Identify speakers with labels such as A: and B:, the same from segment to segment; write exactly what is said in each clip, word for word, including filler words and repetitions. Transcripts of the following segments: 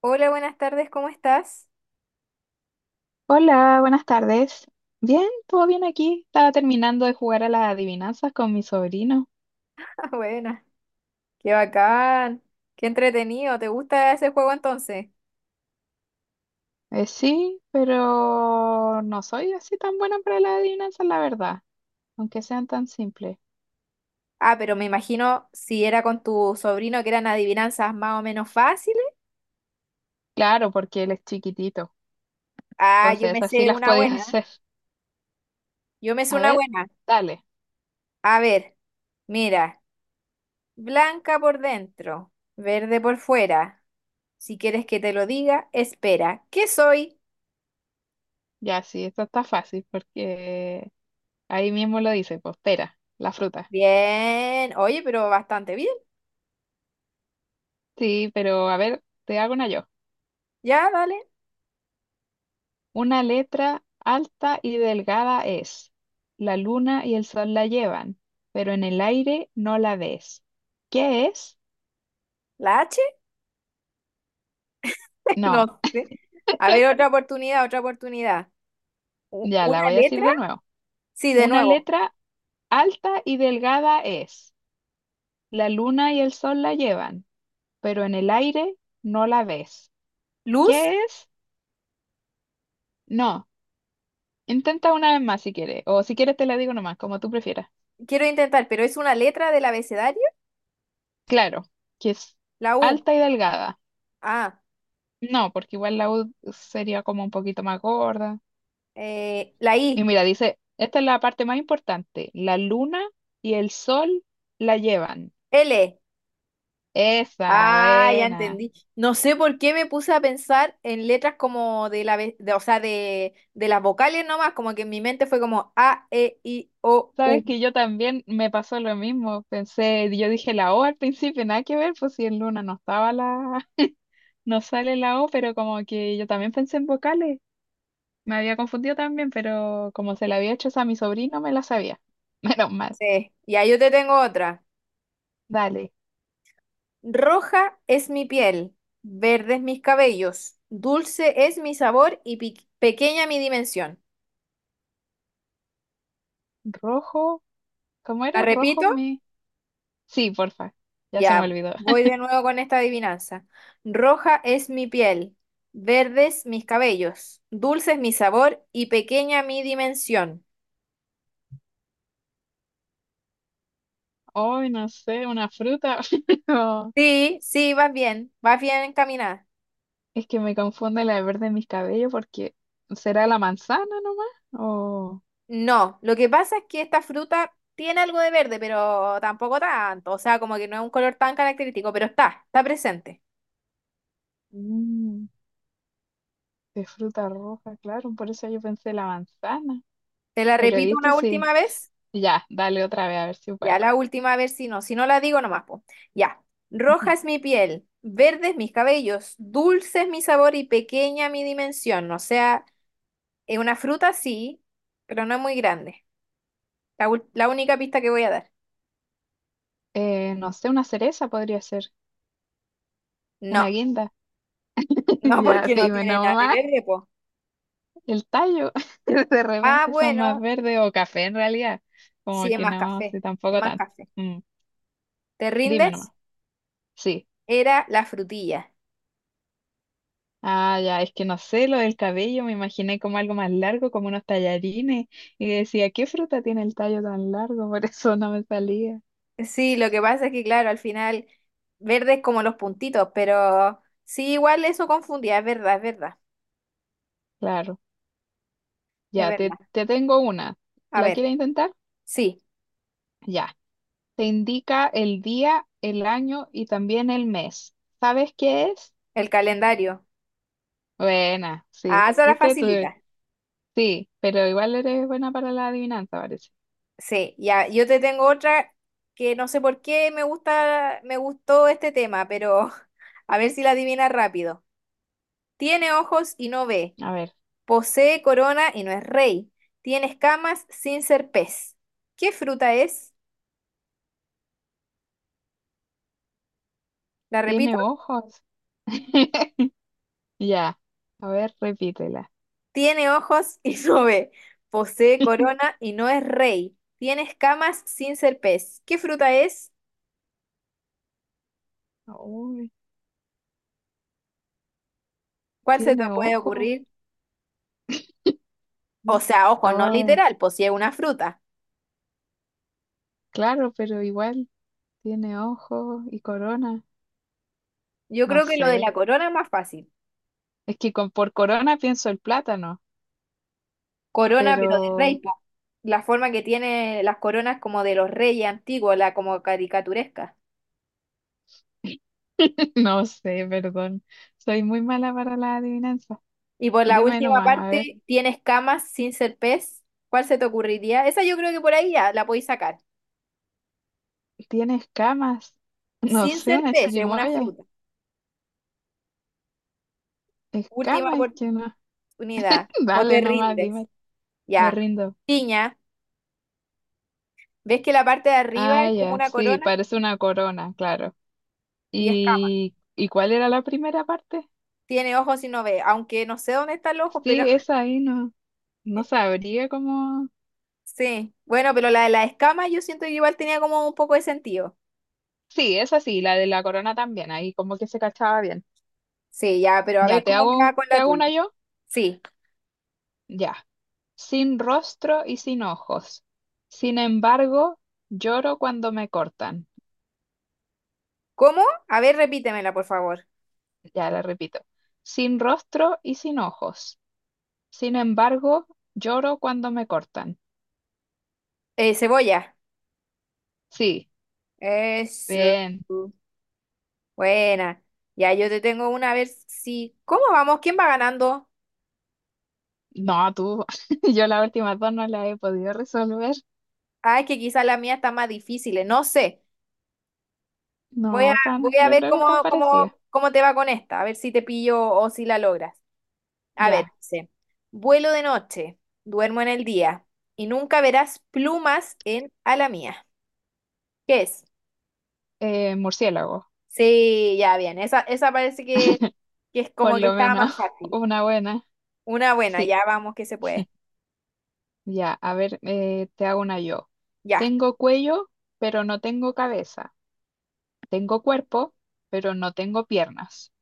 A: Hola, buenas tardes, ¿cómo estás?
B: Hola, buenas tardes. Bien, todo bien aquí. Estaba terminando de jugar a las adivinanzas con mi sobrino.
A: Ah, buena, qué bacán, qué entretenido, ¿te gusta ese juego entonces?
B: Eh, sí, pero no soy así tan buena para las adivinanzas, la verdad, aunque sean tan simples.
A: Ah, pero me imagino si era con tu sobrino que eran adivinanzas más o menos fáciles.
B: Claro, porque él es chiquitito,
A: Ah, yo
B: entonces
A: me
B: así
A: sé
B: las
A: una
B: podía
A: buena,
B: hacer.
A: yo me sé
B: A
A: una
B: ver,
A: buena.
B: dale.
A: A ver, mira, blanca por dentro, verde por fuera. Si quieres que te lo diga, espera, ¿qué soy?
B: Ya, sí, esto está fácil porque ahí mismo lo dice, pues pera, la fruta.
A: Bien, oye, pero bastante bien.
B: Sí, pero a ver, te hago una yo.
A: Ya, dale,
B: Una letra alta y delgada es. La luna y el sol la llevan, pero en el aire no la ves. ¿Qué es?
A: la H.
B: No,
A: No sé. A ver, otra oportunidad, otra oportunidad. U-
B: ya
A: ¿Una
B: la voy a decir
A: letra?
B: de nuevo.
A: Sí, de
B: Una
A: nuevo.
B: letra alta y delgada es. La luna y el sol la llevan, pero en el aire no la ves.
A: Luz,
B: ¿Qué es? No. Intenta una vez más si quieres, o si quieres te la digo nomás, como tú prefieras.
A: quiero intentar, pero es una letra del abecedario.
B: Claro, que es
A: La U.
B: alta y delgada.
A: Ah,
B: No, porque igual la U sería como un poquito más gorda.
A: eh, la
B: Y
A: I.
B: mira, dice, esta es la parte más importante. La luna y el sol la llevan.
A: L.
B: Esa,
A: Ah, ya
B: buena.
A: entendí. No sé por qué me puse a pensar en letras como de la, ve- de, o sea, de, de las vocales nomás, como que en mi mente fue como A, E, I, O, U.
B: Sabes que yo también me pasó lo mismo. Pensé, yo dije la O al principio, nada que ver, pues si en luna no estaba la, no sale la O, pero como que yo también pensé en vocales. Me había confundido también, pero como se la había hecho esa a mi sobrino, me la sabía. Menos mal.
A: Sí. Y ahí yo te tengo otra.
B: Dale.
A: Roja es mi piel, verdes mis cabellos, dulce es mi sabor y pi- pequeña mi dimensión.
B: Rojo, ¿cómo
A: La
B: era? Rojo
A: repito,
B: me. Sí, porfa. Ya se me
A: ya
B: olvidó.
A: voy de nuevo con esta adivinanza. Roja es mi piel, verdes mis cabellos, dulce es mi sabor y pequeña mi dimensión.
B: Hoy no sé, una fruta. Pero
A: Sí, sí, vas bien, vas bien encaminada.
B: es que me confunde la de verde en mis cabellos porque ¿será la manzana nomás? O
A: No, lo que pasa es que esta fruta tiene algo de verde, pero tampoco tanto, o sea, como que no es un color tan característico, pero está, está presente.
B: mm, de fruta roja, claro, por eso yo pensé la manzana.
A: ¿Te la
B: Pero
A: repito
B: viste,
A: una
B: sí.
A: última vez?
B: Ya, dale otra vez a ver si puedo.
A: Ya, la última, a ver si no. Si no la digo, nomás, po. Ya. Roja es mi piel, verdes mis cabellos, dulce es mi sabor y pequeña mi dimensión. O sea, es una fruta sí, pero no es muy grande. La, ul- la única pista que voy a dar.
B: Eh, no sé, una cereza podría ser, una
A: No,
B: guinda.
A: no
B: Ya,
A: porque no
B: dime
A: tiene nada de
B: nomás,
A: verde, po.
B: el tallo. De
A: Ah,
B: repente son más
A: bueno,
B: verdes o café en realidad.
A: sí,
B: Como
A: es
B: que
A: más
B: no,
A: café,
B: sí,
A: es
B: tampoco
A: más
B: tanto.
A: café.
B: Mm,
A: ¿Te
B: dime
A: rindes?
B: nomás. Sí.
A: Era la frutilla.
B: Ah, ya, es que no sé, lo del cabello, me imaginé como algo más largo, como unos tallarines, y decía, ¿qué fruta tiene el tallo tan largo? Por eso no me salía.
A: Sí, lo que pasa es que, claro, al final verde es como los puntitos, pero sí, igual eso confundía, es verdad, es verdad,
B: Claro,
A: es
B: ya, te,
A: verdad.
B: te tengo una.
A: A
B: ¿La
A: ver,
B: quieres intentar?
A: sí,
B: Ya, te indica el día, el año y también el mes. ¿Sabes qué es?
A: el calendario.
B: Buena, sí,
A: Ah, esa la
B: ¿viste? Tú-
A: facilita.
B: sí, pero igual eres buena para la adivinanza, parece.
A: Sí, ya, yo te tengo otra que no sé por qué me gusta, me gustó este tema, pero a ver si la adivinas rápido. Tiene ojos y no ve,
B: A ver,
A: posee corona y no es rey, tiene escamas sin ser pez. ¿Qué fruta es? La repito.
B: ¿tiene ojos? Ya, a ver, repítela.
A: Tiene ojos y no ve. Posee corona y no es rey. Tiene escamas sin ser pez. ¿Qué fruta es?
B: Uy,
A: ¿Cuál se te
B: ¿tiene
A: puede
B: ojos?
A: ocurrir? O
B: Mm.
A: sea, ojo, no
B: Oh,
A: literal, posee una fruta.
B: claro, pero igual tiene ojos y corona.
A: Yo
B: No
A: creo que lo
B: sé.
A: de la corona es más fácil.
B: Es que con, por corona pienso el plátano,
A: Corona, pero de rey,
B: pero
A: po. La forma que tiene las coronas como de los reyes antiguos, la como caricaturesca.
B: no sé, perdón. Soy muy mala para la adivinanza.
A: Y por la
B: Dime
A: última
B: nomás, a ver.
A: parte, tiene escamas sin ser pez. ¿Cuál se te ocurriría? Esa yo creo que por ahí ya la podéis sacar.
B: ¿Tiene escamas? No
A: Sin
B: sé,
A: ser
B: una
A: pez, es una
B: chirimoya.
A: fruta. Última
B: Escamas es que no.
A: unidad. O te
B: Dale nomás,
A: rindes.
B: dime. Me
A: Ya.
B: rindo.
A: Piña. ¿Ves que la parte de arriba
B: Ah,
A: es como
B: ya,
A: una
B: sí,
A: corona
B: parece una corona, claro.
A: y escamas?
B: ¿Y, y cuál era la primera parte?
A: Tiene ojos y no ve, aunque no sé dónde está el ojo, pero
B: Sí, esa ahí no, no sabría cómo.
A: sí. Bueno, pero la de las escamas yo siento que igual tenía como un poco de sentido.
B: Sí, esa sí, la de la corona también, ahí como que se cachaba bien.
A: Sí, ya, pero a
B: Ya,
A: ver
B: te
A: cómo me va
B: hago,
A: con
B: te
A: la
B: hago una
A: tuya.
B: yo,
A: Sí.
B: ya. Sin rostro y sin ojos. Sin embargo, lloro cuando me cortan.
A: ¿Cómo? A ver, repítemela, por favor.
B: Ya la repito. Sin rostro y sin ojos. Sin embargo, lloro cuando me cortan.
A: Eh, cebolla.
B: Sí,
A: Eso.
B: bien.
A: Buena. Ya, yo te tengo una, a ver si... ¿Cómo vamos? ¿Quién va ganando?
B: No, tú, yo las últimas dos no las he podido resolver.
A: Ah, es que quizás la mía está más difícil, eh, no sé. Voy a,
B: No,
A: voy
B: tan,
A: a
B: yo
A: ver
B: creo que están
A: cómo,
B: parecidas.
A: cómo, cómo te va con esta, a ver si te pillo o si la logras. A ver,
B: Ya,
A: dice, vuelo de noche, duermo en el día y nunca verás plumas en ala mía. ¿Qué es?
B: eh, murciélago,
A: Sí, ya bien, esa, esa parece que, que es
B: por
A: como que
B: lo
A: estaba
B: menos
A: más fácil.
B: una buena.
A: Una buena,
B: Sí.
A: ya vamos que se puede.
B: Ya, a ver, eh, te hago una yo.
A: Ya,
B: Tengo cuello, pero no tengo cabeza. Tengo cuerpo, pero no tengo piernas.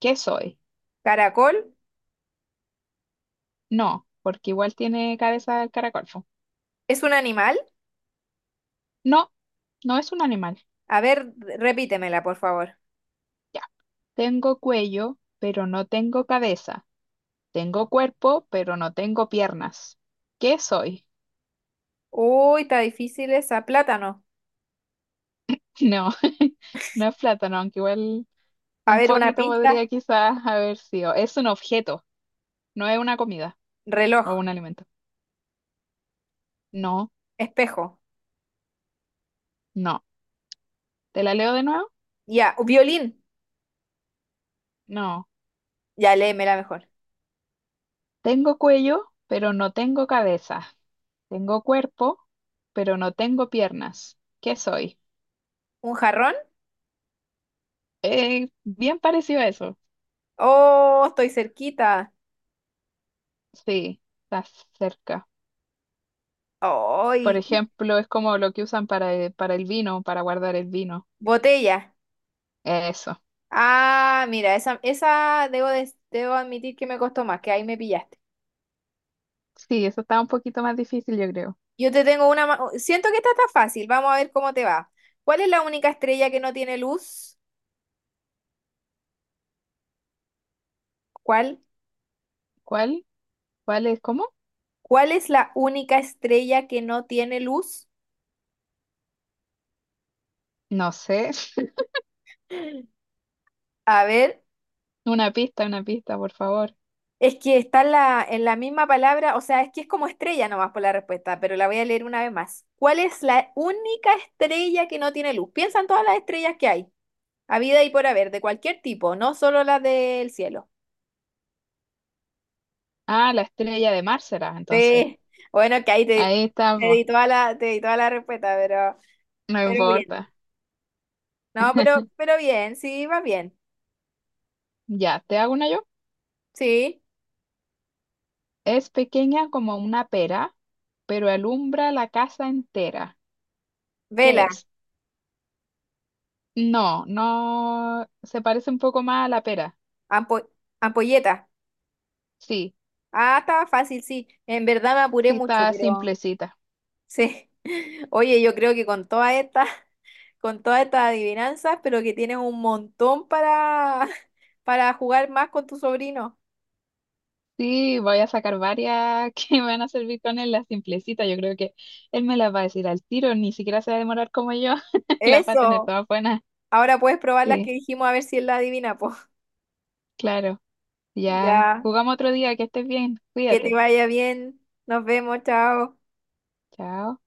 B: ¿Qué soy?
A: caracol,
B: No, porque igual tiene cabeza el caracol, po.
A: ¿es un animal?
B: No, no es un animal.
A: A ver, repítemela, por favor.
B: Ya. Tengo cuello, pero no tengo cabeza. Tengo cuerpo, pero no tengo piernas. ¿Qué soy?
A: Uy, está difícil esa, plátano.
B: No, no es plátano, aunque igual
A: A
B: un
A: ver, una
B: poquito
A: pista,
B: podría quizás haber sido. Es un objeto, no es una comida
A: reloj,
B: o un alimento. No.
A: espejo.
B: No. ¿Te la leo de nuevo?
A: Ya, violín.
B: No.
A: Ya léeme la mejor.
B: Tengo cuello, pero no tengo cabeza. Tengo cuerpo, pero no tengo piernas. ¿Qué soy?
A: ¿Un jarrón?
B: Eh, bien parecido a eso.
A: Oh, estoy cerquita.
B: Sí, estás cerca. Por
A: ¡Ay!
B: ejemplo, es como lo que usan para el, para el vino, para guardar el vino.
A: Botella.
B: Eso.
A: Ah, mira, esa, esa debo, des- debo admitir que me costó más, que ahí me pillaste.
B: Sí, eso está un poquito más difícil, yo creo.
A: Yo te tengo una... ma- Siento que esta está fácil, vamos a ver cómo te va. ¿Cuál es la única estrella que no tiene luz? ¿Cuál?
B: ¿Cuál? ¿Cuál es? ¿Cómo?
A: ¿Cuál es la única estrella que no tiene luz?
B: No sé.
A: A ver,
B: Una pista, una pista, por favor.
A: es que está en la, en la misma palabra, o sea, es que es como estrella nomás por la respuesta, pero la voy a leer una vez más. ¿Cuál es la única estrella que no tiene luz? Piensa en todas las estrellas que hay, habida y por haber, de cualquier tipo, no solo las del cielo.
B: Ah, la estrella de mar será, entonces.
A: Sí, bueno, que ahí te,
B: Ahí
A: te
B: estamos.
A: di toda la, te di toda la respuesta, pero,
B: No
A: pero bien.
B: importa.
A: No, pero, pero bien, sí, va bien.
B: Ya, ¿te hago una yo?
A: Sí,
B: Es pequeña como una pera, pero alumbra la casa entera. ¿Qué
A: vela,
B: es? No, no, se parece un poco más a la pera.
A: ampo- ampolleta.
B: Sí,
A: Ah, estaba fácil, sí. En verdad me apuré
B: sí
A: mucho,
B: está
A: pero...
B: simplecita.
A: Sí. Oye, yo creo que con todas estas, con todas estas adivinanzas, pero que tienes un montón para, para jugar más con tu sobrino.
B: Sí, voy a sacar varias que me van a servir con él, la simplecita. Yo creo que él me las va a decir al tiro, ni siquiera se va a demorar como yo. Las va a tener
A: Eso.
B: todas buenas.
A: Ahora puedes probar las que
B: Sí,
A: dijimos a ver si él la adivina, pues.
B: claro. Ya,
A: Ya.
B: jugamos otro día, que estés bien,
A: Que te
B: cuídate.
A: vaya bien. Nos vemos, chao.
B: Chao.